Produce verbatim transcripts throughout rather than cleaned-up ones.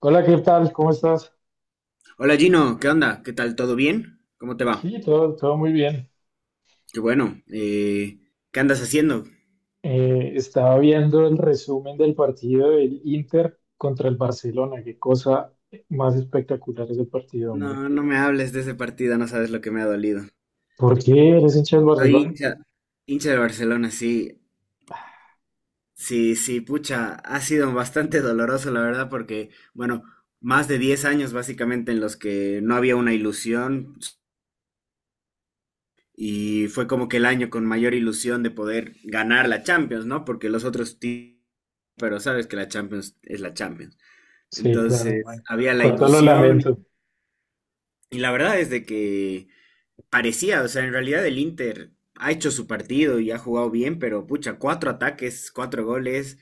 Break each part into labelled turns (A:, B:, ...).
A: Hola, ¿qué tal? ¿Cómo estás?
B: Hola Gino, ¿qué onda? ¿Qué tal? ¿Todo bien? ¿Cómo te va?
A: Sí, todo, todo muy bien.
B: Qué bueno. Eh, ¿qué andas haciendo?
A: Eh, estaba viendo el resumen del partido del Inter contra el Barcelona. Qué cosa más espectacular ese partido, hombre.
B: No, no me hables de ese partido, no sabes lo que me ha dolido.
A: ¿Por qué eres hincha del
B: Soy
A: Barcelona?
B: hincha, hincha de Barcelona, sí, sí, sí, pucha, ha sido bastante doloroso, la verdad, porque, bueno, más de diez años básicamente en los que no había una ilusión y fue como que el año con mayor ilusión de poder ganar la Champions, ¿no? Porque los otros, ti- pero sabes que la Champions es la Champions.
A: Sí, claro,
B: Entonces,
A: man.
B: había la
A: Cuánto lo
B: ilusión y,
A: lamento.
B: y la verdad es de que parecía, o sea, en realidad el Inter ha hecho su partido y ha jugado bien, pero pucha, cuatro ataques, cuatro goles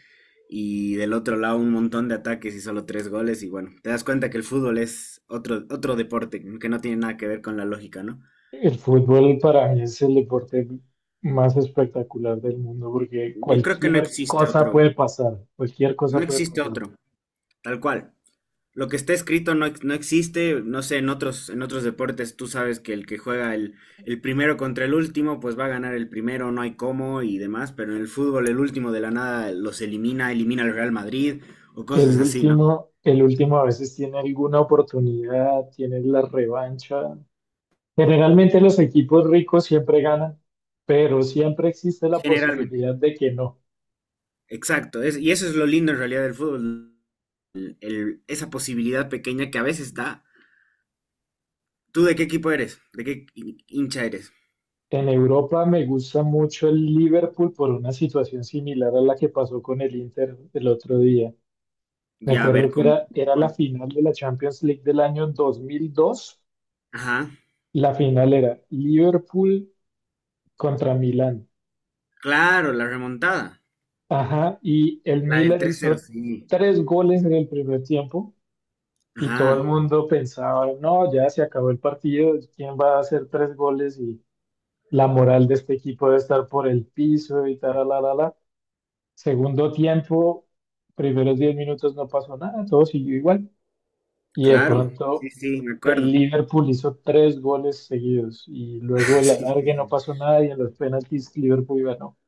B: y del otro lado un montón de ataques y solo tres goles y bueno, te das cuenta que el fútbol es otro, otro deporte que no tiene nada que ver con la lógica, ¿no?
A: El fútbol para mí es el deporte más espectacular del mundo porque
B: Yo creo que no
A: cualquier
B: existe
A: cosa
B: otro,
A: puede pasar, cualquier cosa
B: no
A: puede
B: existe
A: pasar.
B: otro, tal cual. Lo que está escrito no, ex- no existe, no sé, en otros, en otros deportes tú sabes que el que juega el, el primero contra el último, pues va a ganar el primero, no hay cómo y demás, pero en el fútbol el último de la nada los elimina, elimina al Real Madrid o
A: El
B: cosas así, ¿no?
A: último, el último a veces tiene alguna oportunidad, tiene la revancha. Generalmente los equipos ricos siempre ganan, pero siempre existe la
B: Generalmente,
A: posibilidad de que no.
B: exacto, es- y eso es lo lindo en realidad del fútbol, el- esa posibilidad pequeña que a veces da. ¿Tú de qué equipo eres? ¿De qué hin- hincha eres?
A: En Europa me gusta mucho el Liverpool por una situación similar a la que pasó con el Inter el otro día. Me
B: Ya, a
A: acuerdo
B: ver,
A: que
B: con...
A: era, era la
B: ¿cuál?
A: final de la Champions League del año dos mil dos.
B: Ajá,
A: La final era Liverpool contra Milán.
B: claro, la remontada,
A: Ajá, y el
B: la del
A: Milan
B: tres cero,
A: hizo
B: sí.
A: tres goles en el primer tiempo. Y todo
B: Ajá.
A: el mundo pensaba, no, ya se acabó el partido, ¿quién va a hacer tres goles? Y la moral de este equipo debe estar por el piso y tal, la, la, la. Segundo tiempo, primeros diez minutos no pasó nada, todo siguió igual. Y de
B: Claro,
A: pronto
B: sí, sí, me
A: el
B: acuerdo.
A: Liverpool hizo tres goles seguidos y luego el
B: Sí,
A: alargue no pasó nada y en los penaltis Liverpool ganó.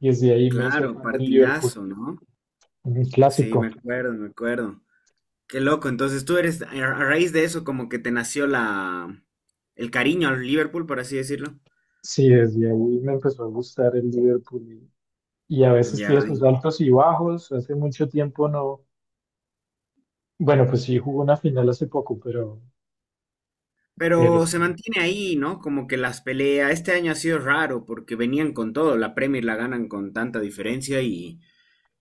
A: Y desde ahí me hice
B: claro,
A: fan del Liverpool,
B: partidazo, ¿no?
A: un
B: Sí, me
A: clásico.
B: acuerdo, me acuerdo. Qué loco, entonces tú eres, a a raíz de eso, como que te nació la, el cariño al Liverpool, por así decirlo.
A: Sí, desde ahí me empezó a gustar el Liverpool y a veces tiene
B: Ya.
A: sus altos y bajos. Hace mucho tiempo no. Bueno, pues sí, jugó una final hace poco, pero, pero
B: Pero se
A: sí,
B: mantiene ahí, ¿no? Como que las peleas, este año ha sido raro porque venían con todo, la Premier la ganan con tanta diferencia y,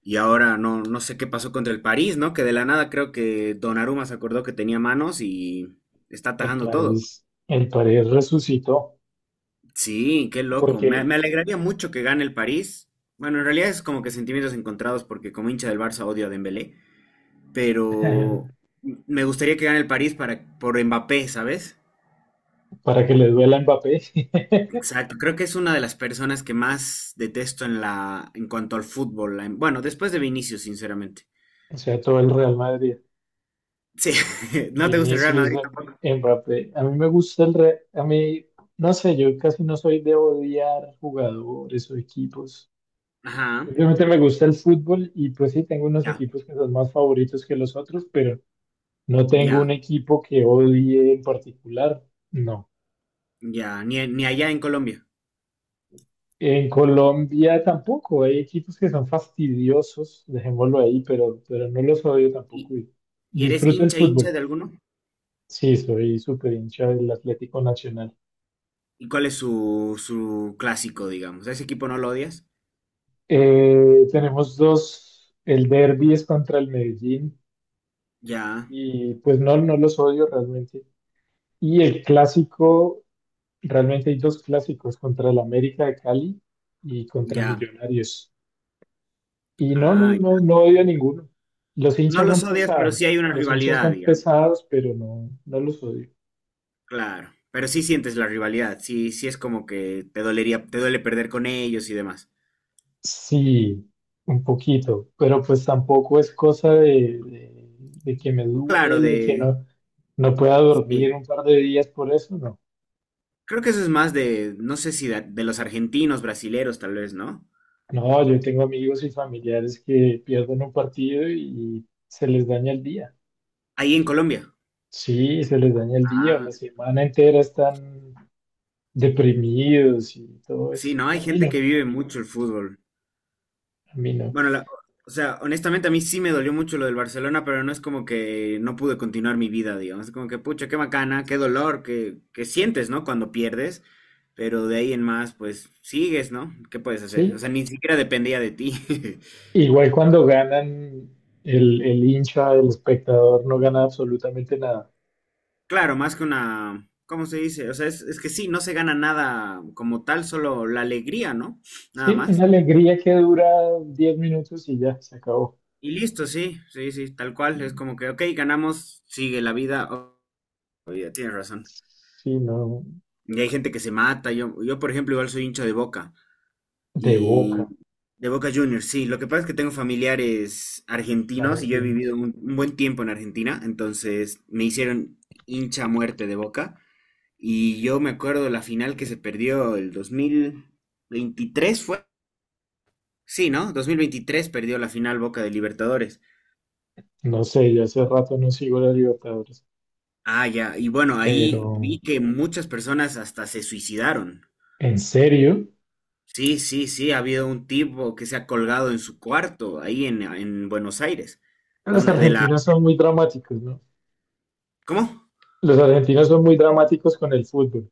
B: y ahora no, no sé qué pasó contra el París, ¿no? Que de la nada creo que Donnarumma se acordó que tenía manos y está
A: el
B: atajando todo.
A: París, el París resucitó
B: Sí, qué loco. Me, me
A: porque,
B: alegraría mucho que gane el París. Bueno, en realidad es como que sentimientos encontrados porque como hincha del Barça odio a Dembélé, pero me gustaría que gane el París para, por Mbappé, ¿sabes?
A: para que le duela a Mbappé.
B: Exacto. Creo que es una de las personas que más detesto en la, en cuanto al fútbol. La- bueno, después de Vinicius, sinceramente.
A: o sea, todo el Real Madrid,
B: Sí, ¿no te gusta el Real
A: Vinicius,
B: Madrid tampoco?
A: Mbappé. A mí me gusta el Real, a mí, no sé, yo casi no soy de odiar jugadores o equipos.
B: Ajá,
A: Simplemente me gusta el fútbol y pues sí, tengo unos
B: ya,
A: equipos que son más favoritos que los otros, pero no tengo
B: ya,
A: un equipo que odie en particular, no.
B: ya. Ni, ni allá en Colombia.
A: En Colombia tampoco, hay equipos que son fastidiosos, dejémoslo ahí, pero, pero no los odio tampoco.
B: ¿Y,
A: Y
B: y eres
A: disfruto el
B: hincha, hincha
A: fútbol.
B: de alguno?
A: Sí, soy súper hincha del Atlético Nacional.
B: ¿Y cuál es su, su clásico, digamos? ¿A ese equipo no lo odias?
A: Eh, tenemos dos, el derbi es contra el Medellín
B: Ya,
A: y pues no, no los odio realmente. Y el clásico, realmente hay dos clásicos, contra el América de Cali y contra
B: ya.
A: Millonarios. Y no, no,
B: Ah, ya.
A: no, no odio a ninguno. Los
B: No
A: hinchas
B: los
A: son
B: odias, pero sí
A: pesados,
B: hay una
A: los hinchas
B: rivalidad,
A: son
B: digamos.
A: pesados, pero no, no los odio.
B: Claro. Pero sí sientes la rivalidad. Sí, sí es como que te dolería, te duele perder con ellos y demás.
A: Sí, un poquito, pero pues tampoco es cosa de, de, de que me
B: Claro,
A: duela y que
B: de.
A: no, no pueda dormir
B: Sí.
A: un par de días por eso, no.
B: Creo que eso es más de, no sé si de, de los argentinos, brasileros, tal vez, ¿no?
A: No, yo tengo amigos y familiares que pierden un partido y se les daña el día.
B: Ahí en Colombia.
A: Sí, se les daña el día, o
B: Ah,
A: la semana entera están deprimidos y todo
B: sí,
A: eso.
B: no,
A: A
B: hay
A: mí
B: gente que
A: no,
B: vive mucho el fútbol.
A: a mí no.
B: Bueno, la- o sea, honestamente a mí sí me dolió mucho lo del Barcelona, pero no es como que no pude continuar mi vida, digamos. Es como que, pucha, qué bacana, qué dolor que, que sientes, ¿no? Cuando pierdes, pero de ahí en más, pues sigues, ¿no? ¿Qué puedes hacer? O
A: Sí,
B: sea, ni siquiera dependía de ti.
A: igual cuando ganan, el, el hincha, el espectador no gana absolutamente nada.
B: Claro, más que una, ¿cómo se dice? O sea, es, es que sí, no se gana nada como tal, solo la alegría, ¿no? Nada
A: Sí, una
B: más.
A: alegría que dura diez minutos y ya, se acabó.
B: Y listo, sí, sí, sí, tal cual. Es como que, ok, ganamos, sigue la vida. Oh, ya tienes razón.
A: Sí, no,
B: Y hay gente que se mata. Yo, yo, por ejemplo, igual soy hincha de Boca.
A: de Boca,
B: Y de Boca Juniors, sí. Lo que pasa es que tengo familiares argentinos y yo he
A: argentinos.
B: vivido un, un buen tiempo en Argentina. Entonces me hicieron hincha a muerte de Boca. Y yo me acuerdo la final que se perdió el dos mil veintitrés, ¿fue? Sí, ¿no? dos mil veintitrés perdió la final Boca de Libertadores.
A: No sé, ya hace rato no sigo la Libertadores,
B: Ah, ya. Y bueno, ahí
A: pero
B: vi que muchas personas hasta se suicidaron.
A: en serio,
B: Sí, sí, sí, ha habido un tipo que se ha colgado en su cuarto, ahí en, en Buenos Aires, de
A: los
B: una, de la,
A: argentinos son muy dramáticos, ¿no?
B: ¿cómo?
A: Los argentinos son muy dramáticos con el fútbol,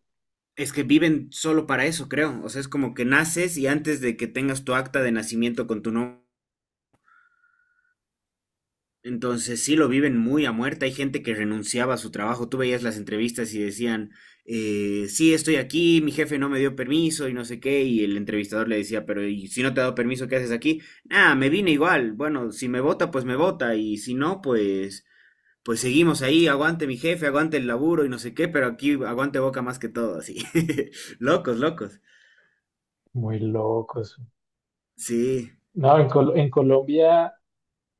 B: Es que viven solo para eso, creo. O sea, es como que naces y antes de que tengas tu acta de nacimiento con tu nombre, entonces sí lo viven muy a muerte. Hay gente que renunciaba a su trabajo. Tú veías las entrevistas y decían, eh, sí, estoy aquí, mi jefe no me dio permiso y no sé qué. Y el entrevistador le decía, pero ¿y si no te ha dado permiso, qué haces aquí? Ah, me vine igual. Bueno, si me vota, pues me vota. Y si no, pues... pues seguimos ahí, aguante mi jefe, aguante el laburo y no sé qué, pero aquí aguante Boca más que todo, así. Locos, locos.
A: muy locos.
B: Sí,
A: No, en, Col- en Colombia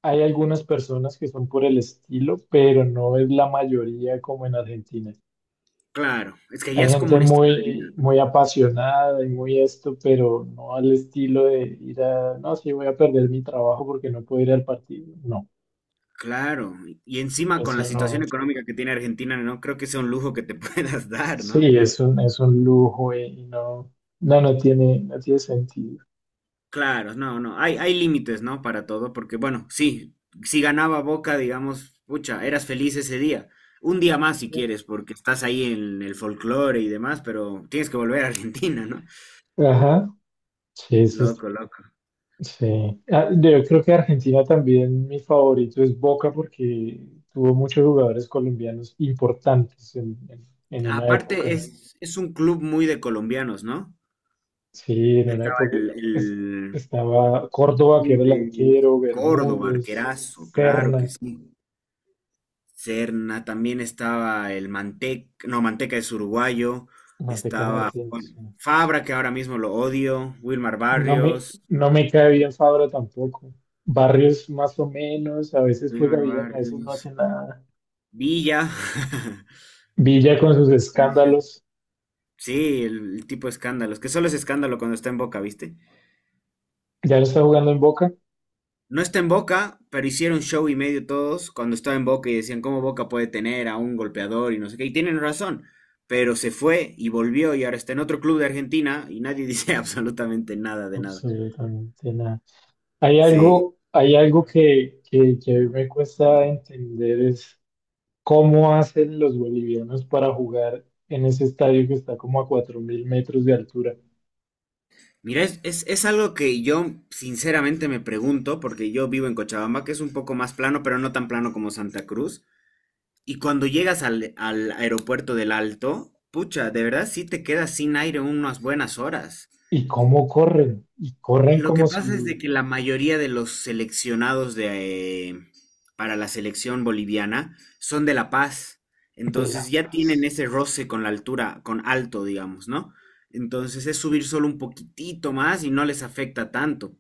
A: hay algunas personas que son por el estilo, pero no es la mayoría como en Argentina.
B: claro. Es que ya
A: Hay
B: es como
A: gente
B: un estilo de vida,
A: muy,
B: ¿no?
A: muy apasionada y muy esto, pero no al estilo de ir a, no, sí, voy a perder mi trabajo porque no puedo ir al partido. No,
B: Claro. Y encima con la
A: eso
B: situación
A: no.
B: económica que tiene Argentina, no creo que sea un lujo que te puedas dar,
A: Sí,
B: ¿no?
A: es un, es un lujo, eh, y no, no, no tiene, no tiene sentido.
B: Claro, no, no. Hay, hay límites, ¿no? Para todo, porque bueno, sí, si ganaba Boca, digamos, pucha, eras feliz ese día. Un día más si quieres, porque estás ahí en el folclore y demás, pero tienes que volver a Argentina, ¿no?
A: Ajá, sí, eso.
B: Loco, loco.
A: Sí, ah, yo creo que Argentina también mi favorito es Boca porque tuvo muchos jugadores colombianos importantes en, en- en una
B: Aparte,
A: época.
B: es, es un club muy de colombianos, ¿no?
A: Sí, en una
B: Estaba
A: época
B: el,
A: es-
B: el-
A: estaba Córdoba, que era el
B: el
A: arquero,
B: Córdoba,
A: Bermúdez,
B: Arquerazo, claro que
A: Serna,
B: sí. Serna, también estaba el Manteca, no, Manteca es uruguayo,
A: Manteca
B: estaba
A: Martínez. Sí.
B: Juan Fabra, que ahora mismo lo odio, Wilmar
A: No me,
B: Barrios,
A: no me cae bien Fabra tampoco. Barrios más o menos, a veces juega
B: Wilmar
A: bien, a veces no hace
B: Barrios,
A: nada.
B: Villa.
A: Villa con sus
B: Villa.
A: escándalos,
B: Sí, el, el tipo de escándalos, que solo es escándalo cuando está en Boca, ¿viste?
A: ya lo está jugando en Boca.
B: No está en Boca, pero hicieron show y medio todos cuando estaba en Boca y decían cómo Boca puede tener a un golpeador y no sé qué. Y tienen razón, pero se fue y volvió y ahora está en otro club de Argentina y nadie dice absolutamente nada de nada.
A: Absolutamente nada. Hay
B: Sí.
A: algo, hay algo que, que, que a mí me cuesta entender es cómo hacen los bolivianos para jugar en ese estadio que está como a cuatro mil metros de altura
B: Mira, es, es, es algo que yo sinceramente me pregunto, porque yo vivo en Cochabamba, que es un poco más plano, pero no tan plano como Santa Cruz. Y cuando llegas al, al aeropuerto del Alto, pucha, de verdad sí te quedas sin aire unas buenas horas.
A: y cómo corren, y corren
B: Lo que
A: como
B: pasa es de que
A: si
B: la mayoría de los seleccionados de, eh, para la selección boliviana son de La Paz,
A: de La
B: entonces ya tienen
A: Paz.
B: ese roce con la altura, con alto, digamos, ¿no? Entonces es subir solo un poquitito más y no les afecta tanto.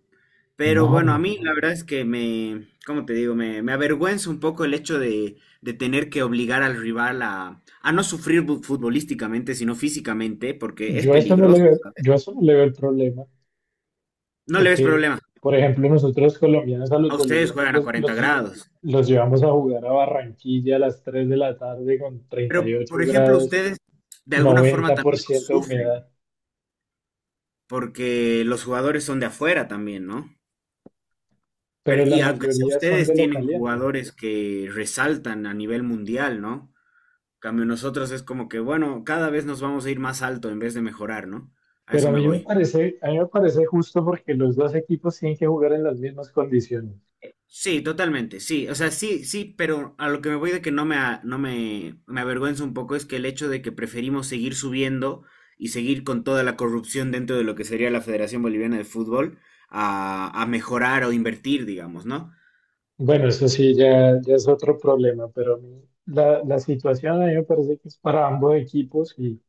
B: Pero
A: No,
B: bueno, a
A: no,
B: mí
A: no.
B: la verdad es que me, ¿cómo te digo? Me, me avergüenza un poco el hecho de, de tener que obligar al rival a, a no sufrir bu- futbolísticamente, sino físicamente, porque es
A: Yo a eso no le
B: peligroso.
A: veo, yo a eso no le veo el problema,
B: No le ves
A: porque,
B: problema.
A: por ejemplo, nosotros colombianos a los
B: A ustedes
A: bolivianos
B: juegan a
A: los,
B: cuarenta
A: los, lle-
B: grados.
A: los llevamos a jugar a Barranquilla a las tres de la tarde con treinta y
B: Pero, por
A: ocho
B: ejemplo,
A: grados
B: ustedes de alguna forma
A: noventa por
B: también lo
A: ciento de
B: sufren,
A: humedad,
B: porque los jugadores son de afuera también, ¿no? Pero,
A: pero la
B: y aunque sea
A: mayoría son
B: ustedes
A: de lo
B: tienen
A: caliente.
B: jugadores que resaltan a nivel mundial, ¿no? En Cambio nosotros es como que, bueno, cada vez nos vamos a ir más alto en vez de mejorar, ¿no? A
A: Pero
B: eso
A: a
B: me
A: mí me
B: voy.
A: parece, a mí me parece justo porque los dos equipos tienen que jugar en las mismas condiciones.
B: Sí, totalmente, sí, o sea, sí, sí, pero a lo que me voy de que no me, a- no me, me avergüenza un poco es que el hecho de que preferimos seguir subiendo y seguir con toda la corrupción dentro de lo que sería la Federación Boliviana de Fútbol a, a mejorar o invertir, digamos, ¿no?
A: Bueno, eso sí, ya, ya es otro problema, pero a mí la, la situación a mí me parece que es para ambos equipos y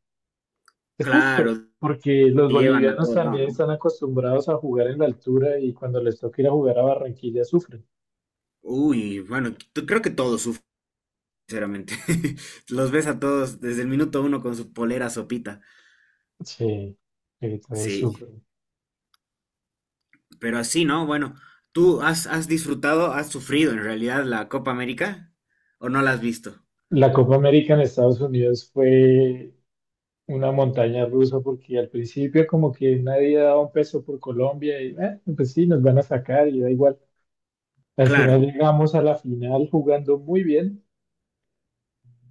A: es
B: Claro,
A: justo, porque los
B: te llevan a
A: bolivianos
B: todos lados,
A: también
B: ¿no?
A: están acostumbrados a jugar en la altura y cuando les toca ir a jugar a Barranquilla sufren.
B: Uy, bueno, t- creo que todos sufren, sinceramente. Los ves a todos desde el minuto uno con su polera sopita.
A: Sí, sí, todos
B: Sí.
A: sufren.
B: Pero así, ¿no? Bueno, ¿tú has, has disfrutado, has sufrido en realidad la Copa América o no la has visto?
A: La Copa América en Estados Unidos fue una montaña rusa porque al principio como que nadie daba un peso por Colombia y eh, pues sí, nos van a sacar y da igual. Al final
B: Claro,
A: llegamos a la final jugando muy bien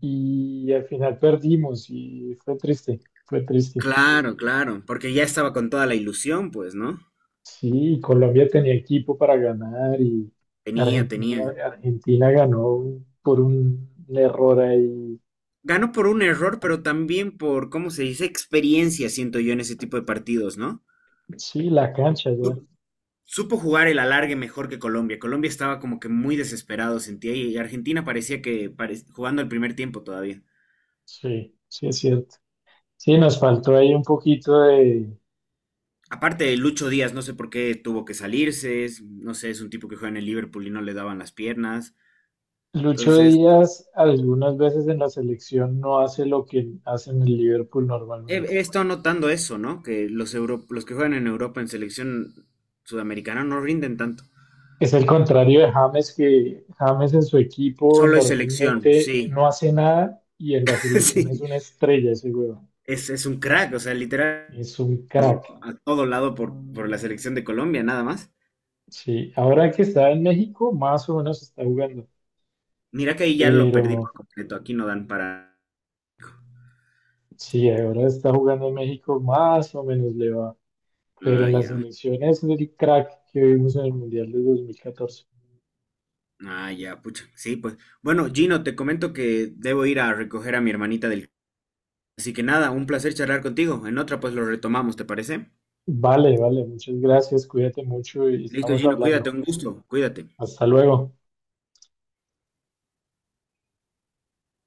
A: y al final perdimos y fue triste, fue triste.
B: claro, claro, porque ya estaba con toda la ilusión, pues, ¿no?
A: Sí, Colombia tenía equipo para ganar y
B: Tenía,
A: Argentina,
B: tenía.
A: Argentina ganó un- por un error ahí.
B: Ganó por un error, pero también por, ¿cómo se dice? Experiencia, siento yo, en ese tipo de partidos, ¿no?
A: Sí, la cancha ya.
B: Supo jugar el alargue mejor que Colombia. Colombia estaba como que muy desesperado, sentía, y Argentina parecía que pare- jugando el primer tiempo todavía.
A: Sí, sí es cierto. Sí, nos faltó ahí un poquito de.
B: Aparte de Lucho Díaz, no sé por qué tuvo que salirse, es- no sé, es un tipo que juega en el Liverpool y no le daban las piernas.
A: Lucho
B: Entonces,
A: Díaz algunas veces en la selección no hace lo que hace en el Liverpool
B: he,
A: normalmente.
B: he estado notando eso, ¿no? Que los, euro- los que juegan en Europa en selección sudamericana no rinden tanto.
A: Es el contrario de James, que James en su equipo
B: Solo es selección,
A: normalmente
B: sí.
A: no hace nada y en la selección es una
B: Sí,
A: estrella ese huevón.
B: es, es un crack, o sea, literal,
A: Es un crack.
B: a todo lado por, por la selección de Colombia, nada más.
A: Sí, ahora que está en México, más o menos está jugando.
B: Mira que ahí ya lo perdí
A: Pero
B: por completo, aquí no dan para...
A: sí, ahora está jugando en México, más o menos le va. Pero
B: Ah,
A: en la
B: ya.
A: selección es el crack que vimos en el Mundial de dos mil catorce.
B: Ah, ya, pucha. Sí, pues. Bueno, Gino, te comento que debo ir a recoger a mi hermanita del. Así que nada, un placer charlar contigo. En otra pues lo retomamos, ¿te parece?
A: Vale, vale, muchas gracias, cuídate mucho y
B: Listo,
A: estamos
B: Gino,
A: hablando.
B: cuídate, un gusto, cuídate.
A: Hasta luego.